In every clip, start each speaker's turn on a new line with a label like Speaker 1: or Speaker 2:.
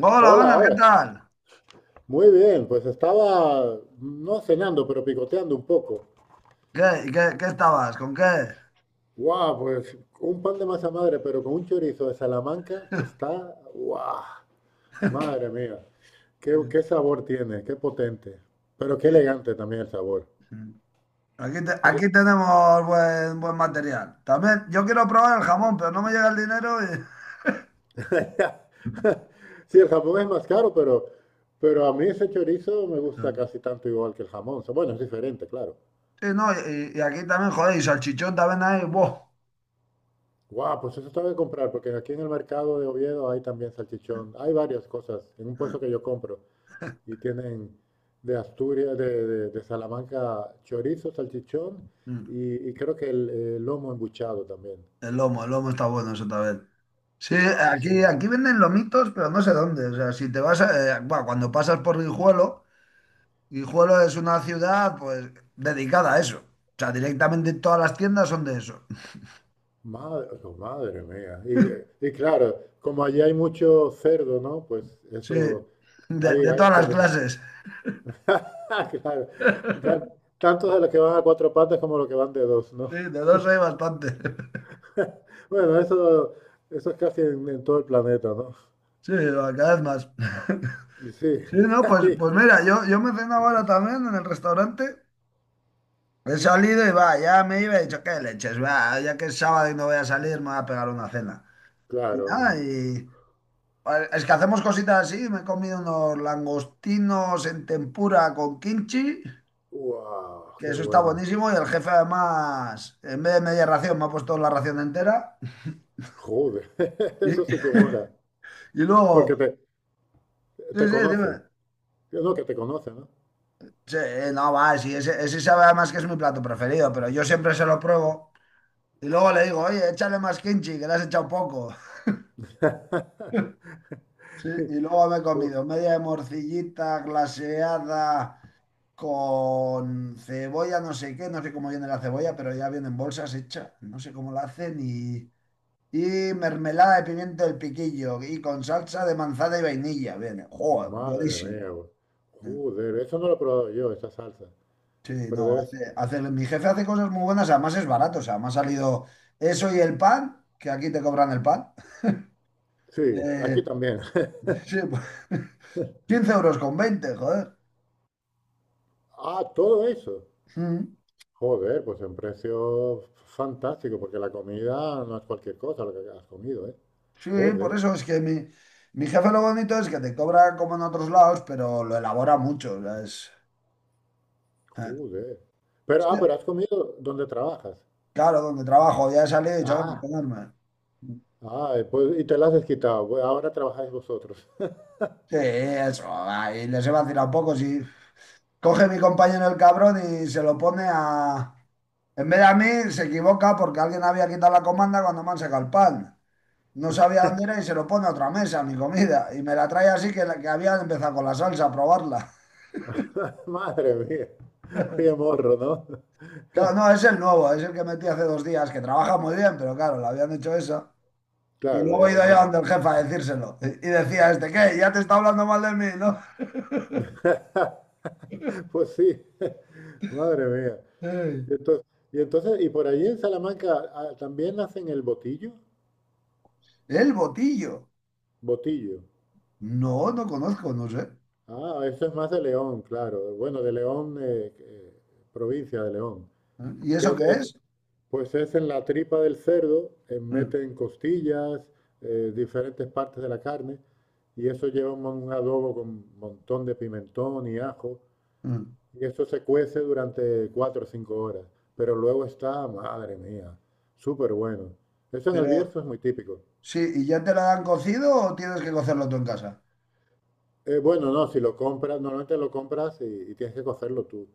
Speaker 1: Hola,
Speaker 2: Hola,
Speaker 1: buenas, ¿qué
Speaker 2: hola.
Speaker 1: tal?
Speaker 2: Muy bien, pues estaba no cenando, pero picoteando un poco.
Speaker 1: ¿Qué, qué estabas? ¿Con qué?
Speaker 2: ¡Guau! Pues un pan de masa madre, pero con un chorizo de Salamanca que está. ¡Guau! Madre mía. Qué,
Speaker 1: Sí,
Speaker 2: qué sabor tiene, qué potente. Pero qué
Speaker 1: sí,
Speaker 2: elegante también el sabor.
Speaker 1: sí. Aquí, te-
Speaker 2: Así-
Speaker 1: aquí tenemos buen material. También, yo quiero probar el jamón, pero no me llega el dinero. Y...
Speaker 2: Sí, el jamón es más caro, pero a mí ese chorizo me
Speaker 1: Sí,
Speaker 2: gusta casi tanto igual que el jamón. O sea, bueno, es diferente, claro.
Speaker 1: sí, no, y aquí también, joder, y salchichón también hay, ¡buah!
Speaker 2: Guau, pues eso tengo que comprar, porque aquí en el mercado de Oviedo hay también salchichón. Hay varias cosas en un puesto que yo compro. Y tienen de Asturias, de Salamanca, chorizo, salchichón
Speaker 1: Mm.
Speaker 2: y creo que el lomo embuchado también.
Speaker 1: El lomo está bueno eso también. Sí,
Speaker 2: Guau, sí.
Speaker 1: aquí venden lomitos, pero no sé dónde. O sea, si te vas buah, cuando pasas por Guijuelo. Guijuelo es una ciudad pues dedicada a eso. O sea, directamente todas las tiendas son de eso.
Speaker 2: Madre, oh, madre mía. Y claro, como allí hay mucho cerdo, ¿no? Pues
Speaker 1: Sí,
Speaker 2: eso,
Speaker 1: de, de
Speaker 2: hay
Speaker 1: todas las
Speaker 2: experiencia.
Speaker 1: clases.
Speaker 2: Claro. Tan- Tanto de los que van a cuatro patas como los que van de dos, ¿no?
Speaker 1: Sí, de dos hay bastante.
Speaker 2: Bueno, eso es casi en todo el planeta, ¿no?
Speaker 1: Sí, cada vez más.
Speaker 2: Y sí,
Speaker 1: Sí, no, pues mira, yo me ceno ahora también en el restaurante. He salido y va, ya me iba y he dicho, qué leches, va, ya que es sábado y no voy a salir, me voy a pegar una cena. Y
Speaker 2: claro,
Speaker 1: nada,
Speaker 2: hombre.
Speaker 1: y vale, es que hacemos cositas así, me he comido unos langostinos en tempura con kimchi,
Speaker 2: ¡Wow!
Speaker 1: que
Speaker 2: ¡Qué
Speaker 1: eso está
Speaker 2: bueno!
Speaker 1: buenísimo, y el jefe además, en vez de media ración, me ha puesto la ración entera.
Speaker 2: ¡Joder! Eso sí que mola.
Speaker 1: Y
Speaker 2: Porque
Speaker 1: luego,
Speaker 2: te,
Speaker 1: sí,
Speaker 2: te
Speaker 1: sí,
Speaker 2: conoce.
Speaker 1: dime.
Speaker 2: No, que te conoce, ¿no?
Speaker 1: Sí, no, va, sí, ese sabe además que es mi plato preferido, pero yo siempre se lo pruebo y luego le digo, oye, échale más kimchi, que le has echado poco. Sí, y luego me he
Speaker 2: Ju-
Speaker 1: comido media de morcillita glaseada con cebolla, no sé qué, no sé cómo viene la cebolla, pero ya viene en bolsas hecha, no sé cómo la hacen, y mermelada de pimiento del piquillo y con salsa de manzana y vainilla, viene, joder,
Speaker 2: Madre
Speaker 1: buenísimo,
Speaker 2: mía, güey.
Speaker 1: ¿eh?
Speaker 2: Joder, eso no lo he probado yo, esa salsa.
Speaker 1: Sí,
Speaker 2: Pero
Speaker 1: no,
Speaker 2: debes...
Speaker 1: mi jefe hace cosas muy buenas, además es barato, o sea, me ha salido eso y el pan, que aquí te cobran el pan.
Speaker 2: Sí,
Speaker 1: Eh,
Speaker 2: aquí también.
Speaker 1: sí, pues, 15 euros con veinte, joder.
Speaker 2: Ah, todo eso.
Speaker 1: Mm.
Speaker 2: Joder, pues en precio fantástico, porque la comida no es cualquier cosa lo que has comido, ¿eh?
Speaker 1: Sí, por
Speaker 2: Joder.
Speaker 1: eso es que mi, jefe lo bonito es que te cobra como en otros lados, pero lo elabora mucho. O sea, es... eh,
Speaker 2: Joder. Pero,
Speaker 1: sí,
Speaker 2: ah, pero has comido donde trabajas.
Speaker 1: claro, donde trabajo, ya he salido y yo, venga, a
Speaker 2: Ah,
Speaker 1: comerme.
Speaker 2: ah, y pues, y te las has quitado. Bueno, ahora trabajáis vosotros.
Speaker 1: Sí, eso, ahí les he vacilado un poco, si. Coge mi compañero el cabrón y se lo pone. A... En vez de a mí, se equivoca porque alguien había quitado la comanda cuando me han sacado el pan. No sabía dónde era y se lo pone a otra mesa, mi comida. Y me la trae así, que, que había empezado con la salsa a probarla.
Speaker 2: Madre mía, qué morro, ¿no?
Speaker 1: Claro, no, es el nuevo, es el que metí hace dos días, que trabaja muy bien, pero claro, le habían hecho eso. Y
Speaker 2: Claro,
Speaker 1: luego
Speaker 2: ya
Speaker 1: he ido yo
Speaker 2: uno.
Speaker 1: donde el jefe a decírselo. Y decía este, ¿qué? Ya te está hablando mal de mí, ¿no?
Speaker 2: Pues sí, madre mía.
Speaker 1: Ey.
Speaker 2: Y entonces, y entonces, y por allí en Salamanca ah, también hacen el botillo,
Speaker 1: El botillo.
Speaker 2: botillo.
Speaker 1: No, no conozco, no sé.
Speaker 2: Ah, eso es más de León, claro. Bueno, de León, provincia de León.
Speaker 1: ¿Eh? ¿Y
Speaker 2: Que
Speaker 1: eso
Speaker 2: es,
Speaker 1: qué
Speaker 2: es-
Speaker 1: es?
Speaker 2: Pues es en la tripa del cerdo,
Speaker 1: Mm,
Speaker 2: meten costillas, diferentes partes de la carne, y eso lleva un adobo con un montón de pimentón y ajo,
Speaker 1: mm.
Speaker 2: y eso se cuece durante cuatro o cinco horas, pero luego está, madre mía, súper bueno. Eso en el
Speaker 1: Pero
Speaker 2: Bierzo es muy típico.
Speaker 1: sí, ¿y ya te la dan cocido o tienes que cocerlo tú en casa?
Speaker 2: Bueno, no, si lo compras, normalmente lo compras y tienes que cocerlo tú.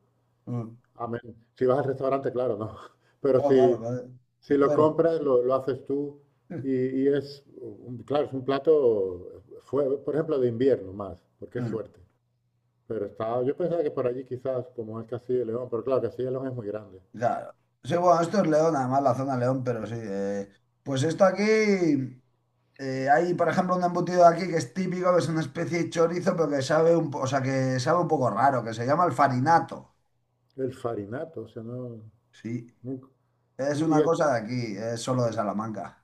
Speaker 1: Mm.
Speaker 2: Amén. Si vas al restaurante, claro, no. Pero
Speaker 1: No, claro,
Speaker 2: si,
Speaker 1: claro.
Speaker 2: si lo
Speaker 1: Espero.
Speaker 2: compras, lo haces tú
Speaker 1: Mm.
Speaker 2: y, y es, claro, es un plato, fue, por ejemplo, de invierno más, porque es
Speaker 1: Mm,
Speaker 2: fuerte. Pero está, yo pensaba que por allí quizás, como es Castilla y León, pero claro, Castilla y León es muy grande.
Speaker 1: claro. Sí, bueno, esto es León, además la zona León, pero sí. Pues esto aquí, hay por ejemplo un embutido de aquí que es típico, que es una especie de chorizo, pero que sabe o sea, que sabe un poco raro, que se llama el farinato.
Speaker 2: El farinato, o sea, no,
Speaker 1: Sí.
Speaker 2: nunca.
Speaker 1: Es
Speaker 2: Y,
Speaker 1: una cosa de aquí, es solo de Salamanca.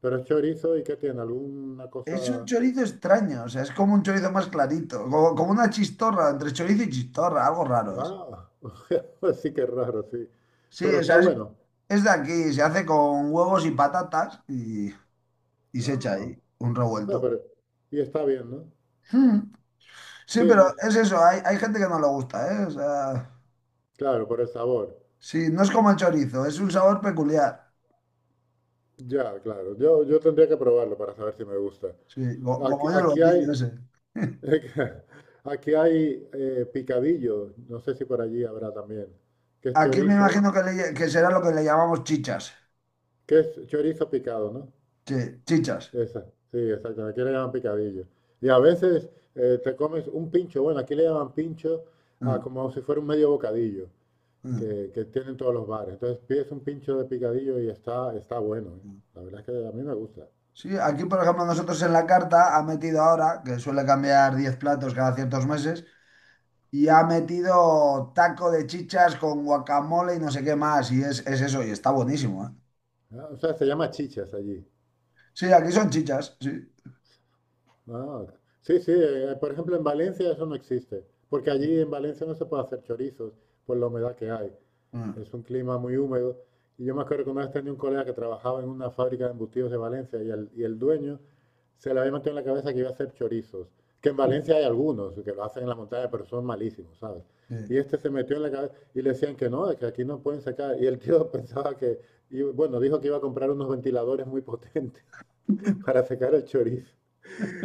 Speaker 2: pero es chorizo y ¿qué tiene? ¿Alguna
Speaker 1: Es un
Speaker 2: cosa?
Speaker 1: chorizo extraño, o sea, es como un chorizo más clarito, como una chistorra, entre chorizo y chistorra, algo raro es.
Speaker 2: Ah, o sea, sí que es raro, sí.
Speaker 1: Sí,
Speaker 2: Pero
Speaker 1: o
Speaker 2: está
Speaker 1: sea, es,
Speaker 2: bueno.
Speaker 1: es de aquí, se hace con huevos y patatas y se echa
Speaker 2: Ah,
Speaker 1: ahí un
Speaker 2: bueno,
Speaker 1: revuelto.
Speaker 2: pero, y está bien, ¿no?
Speaker 1: Mm. Sí,
Speaker 2: Sí,
Speaker 1: pero es eso, hay gente que no le gusta, ¿eh? O sea,
Speaker 2: claro, por el sabor.
Speaker 1: sí, no es como el chorizo, es un sabor peculiar.
Speaker 2: Ya, claro. Yo tendría que probarlo para saber si me gusta.
Speaker 1: Sí,
Speaker 2: Aquí,
Speaker 1: como yo el
Speaker 2: aquí
Speaker 1: botillo
Speaker 2: hay,
Speaker 1: ese.
Speaker 2: aquí hay picadillo. No sé si por allí habrá también. Que es
Speaker 1: Aquí me
Speaker 2: chorizo,
Speaker 1: imagino que, que será lo que le llamamos chichas.
Speaker 2: que es chorizo picado, ¿no?
Speaker 1: Sí, chichas.
Speaker 2: Esa, sí, exacto. Aquí le llaman picadillo. Y a veces te comes un pincho. Bueno, aquí le llaman pincho a
Speaker 1: Mm,
Speaker 2: como si fuera un medio bocadillo
Speaker 1: mm,
Speaker 2: que tienen todos los bares. Entonces pides un pincho de picadillo y está, está bueno. ¿Eh?
Speaker 1: mm.
Speaker 2: La verdad es que a mí me gusta.
Speaker 1: Sí, aquí por ejemplo nosotros en la carta ha metido ahora, que suele cambiar 10 platos cada ciertos meses. Y ha metido taco de chichas con guacamole y no sé qué más. Y es eso, y está buenísimo, ¿eh?
Speaker 2: Ah, o sea, se llama chichas allí.
Speaker 1: Sí, aquí son chichas, sí.
Speaker 2: Ah, sí, sí, por ejemplo en Valencia eso no existe, porque allí en Valencia no se puede hacer chorizos por la humedad que hay.
Speaker 1: Ah,
Speaker 2: Es un clima muy húmedo. Y yo me acuerdo que una vez tenía un colega que trabajaba en una fábrica de embutidos de Valencia y el dueño se le había metido en la cabeza que iba a hacer chorizos, que en Valencia hay algunos que lo hacen en la montaña, pero son malísimos, ¿sabes?
Speaker 1: sí,
Speaker 2: Y este se metió en la cabeza y le decían que no, de que aquí no pueden sacar. Y el tío pensaba que, y bueno, dijo que iba a comprar unos ventiladores muy potentes para secar el chorizo.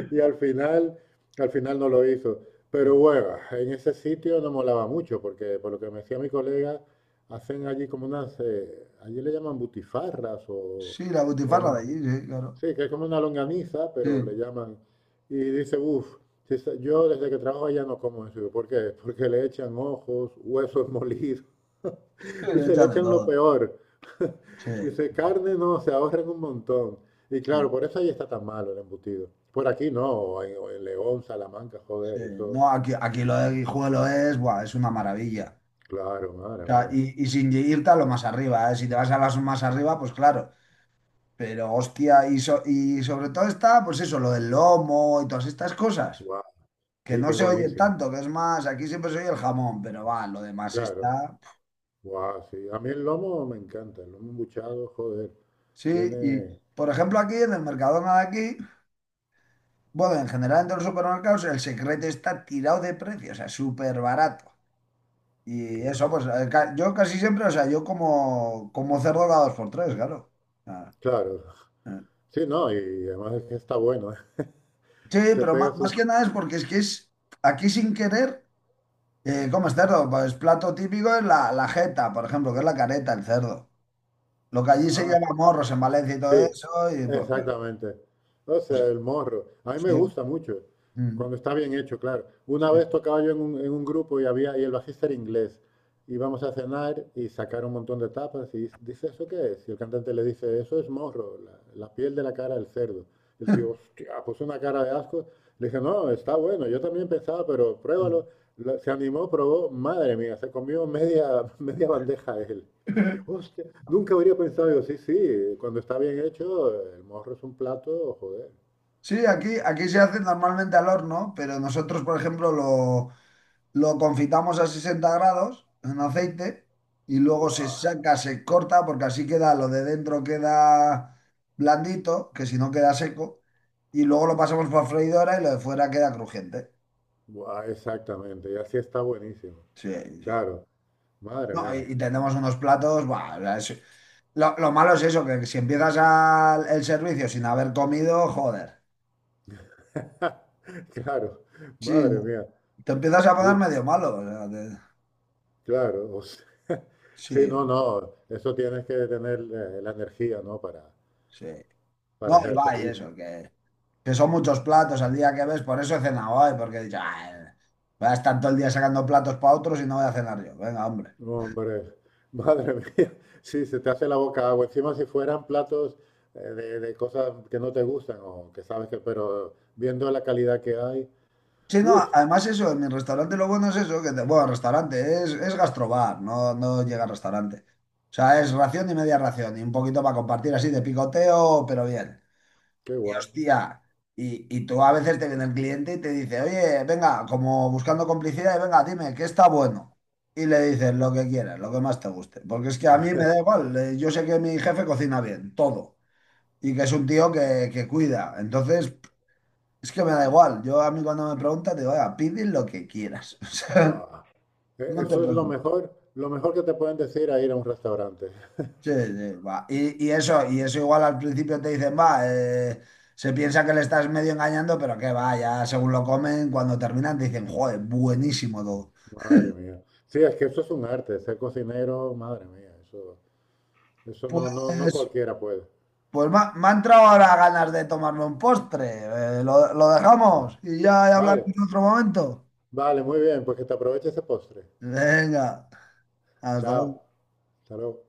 Speaker 2: Y al final no lo hizo. Pero bueno, en ese sitio no molaba mucho, porque por lo que me decía mi colega, hacen allí como unas, allí le llaman butifarras o,
Speaker 1: sí, la
Speaker 2: o
Speaker 1: butifarra de
Speaker 2: lon-
Speaker 1: allí, sí, claro.
Speaker 2: sí, que es como una longaniza,
Speaker 1: Sí,
Speaker 2: pero le llaman. Y dice, uff, yo desde que trabajo allá no como eso. Digo, ¿por qué? Porque le echan ojos, huesos molidos.
Speaker 1: sí, le
Speaker 2: Dice, le
Speaker 1: echan de
Speaker 2: echan lo
Speaker 1: todo.
Speaker 2: peor.
Speaker 1: Sí,
Speaker 2: Dice, carne no, se ahorran un montón. Y
Speaker 1: sí,
Speaker 2: claro, por eso ahí está tan malo el embutido. Por aquí no, o en León, Salamanca,
Speaker 1: sí.
Speaker 2: joder, eso,
Speaker 1: No, aquí lo de Guijuelo es, buah, es una maravilla.
Speaker 2: claro,
Speaker 1: O
Speaker 2: madre
Speaker 1: sea,
Speaker 2: mía.
Speaker 1: y sin irte a lo más arriba, ¿eh? Si te vas a las más arriba, pues claro. Pero hostia, y, y sobre todo está, pues eso, lo del lomo y todas estas cosas,
Speaker 2: Guau,
Speaker 1: que
Speaker 2: sí que
Speaker 1: no
Speaker 2: es
Speaker 1: se oye
Speaker 2: buenísimo.
Speaker 1: tanto, que es más, aquí siempre se oye el jamón, pero va, lo demás
Speaker 2: Claro,
Speaker 1: está.
Speaker 2: guau, sí. A mí el lomo me encanta, el lomo embuchado, joder,
Speaker 1: Sí, y
Speaker 2: tiene,
Speaker 1: por ejemplo aquí en el Mercadona de aquí, bueno, en general en todos los supermercados el secreto está tirado de precio, o sea, súper barato. Y
Speaker 2: que
Speaker 1: eso,
Speaker 2: joder.
Speaker 1: yo casi siempre, o sea, yo como, cerdo cada dos por tres, claro. Ah,
Speaker 2: Claro,
Speaker 1: eh.
Speaker 2: sí, no, y además es que está bueno, ¿eh?
Speaker 1: Sí,
Speaker 2: Te
Speaker 1: pero
Speaker 2: pegas
Speaker 1: más,
Speaker 2: un,
Speaker 1: que nada es porque es que es aquí sin querer, comes cerdo, pues plato típico es la jeta, por ejemplo, que es la careta, el cerdo. Lo que allí se
Speaker 2: ah,
Speaker 1: llama morros en Valencia y todo
Speaker 2: sí,
Speaker 1: eso, y pues, pues,
Speaker 2: exactamente. O
Speaker 1: pues,
Speaker 2: sea, el morro. A mí me
Speaker 1: sí.
Speaker 2: gusta mucho,
Speaker 1: Mm,
Speaker 2: cuando está bien hecho, claro. Una
Speaker 1: sí.
Speaker 2: vez tocaba yo en un grupo y había, y el bajista era inglés. Íbamos a cenar y sacar un montón de tapas y dice, ¿eso qué es? Y el cantante le dice, eso es morro, la piel de la cara del cerdo. El tío, hostia, puso una cara de asco. Le dije, no, está bueno, yo también pensaba, pero pruébalo. Se animó, probó, madre mía, se comió media, media bandeja él. Hostia, nunca habría pensado yo, sí, sí, cuando está bien hecho, el morro es un plato, joder,
Speaker 1: Sí, aquí se hace normalmente al horno, pero nosotros, por ejemplo, lo confitamos a 60 grados en aceite y luego se
Speaker 2: guau,
Speaker 1: saca, se corta, porque así queda, lo de dentro queda blandito, que si no queda seco, y luego lo pasamos por freidora y lo de fuera queda crujiente.
Speaker 2: guau, exactamente, y así está buenísimo,
Speaker 1: Sí, sí.
Speaker 2: claro, madre
Speaker 1: No, y,
Speaker 2: mía,
Speaker 1: y tenemos unos platos, buah, es. Lo, malo es eso, que si empiezas el servicio sin haber comido, joder.
Speaker 2: claro,
Speaker 1: Sí,
Speaker 2: madre mía,
Speaker 1: te empiezas a poner
Speaker 2: sí,
Speaker 1: medio malo. O sea,
Speaker 2: claro, o sea, sí, no,
Speaker 1: sí,
Speaker 2: no, eso tienes que tener la energía, ¿no?
Speaker 1: sí.
Speaker 2: Para
Speaker 1: No,
Speaker 2: hacer
Speaker 1: y
Speaker 2: el
Speaker 1: va, y
Speaker 2: servicio.
Speaker 1: eso, que son muchos platos al día que ves, por eso he cenado hoy, porque he dicho, "Ay, voy a estar todo el día sacando platos para otros y no voy a cenar yo. Venga, hombre."
Speaker 2: Hombre, madre mía, sí, se te hace la boca agua. Encima si fueran platos de cosas que no te gustan o que sabes que, pero viendo la calidad que hay,
Speaker 1: Sí, no,
Speaker 2: uff,
Speaker 1: además eso, en mi restaurante lo bueno es eso, que, bueno, restaurante, es gastrobar, no, no llega al restaurante. O sea, es ración y media ración, y un poquito para compartir así de picoteo, pero bien.
Speaker 2: qué
Speaker 1: Y
Speaker 2: guay.
Speaker 1: hostia, y tú a veces te viene el cliente y te dice, oye, venga, como buscando complicidad, y venga, dime, ¿qué está bueno? Y le dices lo que quieras, lo que más te guste. Porque es que a mí me da igual, yo sé que mi jefe cocina bien, todo. Y que es un tío que cuida. Entonces, es que me da igual. Yo a mí cuando me preguntan, digo, oiga, pide lo que quieras. O sea,
Speaker 2: Guau.
Speaker 1: no te
Speaker 2: Eso es
Speaker 1: preocupes.
Speaker 2: lo mejor que te pueden decir a ir a un restaurante.
Speaker 1: Sí, sí, va. Y eso, y eso igual al principio te dicen, va, se piensa que le estás medio engañando, pero que va, ya según lo comen, cuando terminan te dicen, joder, buenísimo todo.
Speaker 2: Madre mía. Sí, es que eso es un arte, ser cocinero, madre mía, eso no, no, no
Speaker 1: Pues,
Speaker 2: cualquiera puede.
Speaker 1: pues me ha entrado ahora ganas de tomarme un postre. Lo dejamos y ya
Speaker 2: Vale,
Speaker 1: hablaremos en otro momento.
Speaker 2: vale, muy bien, pues que te aproveche ese postre.
Speaker 1: Venga, hasta
Speaker 2: Chao,
Speaker 1: luego.
Speaker 2: hasta luego.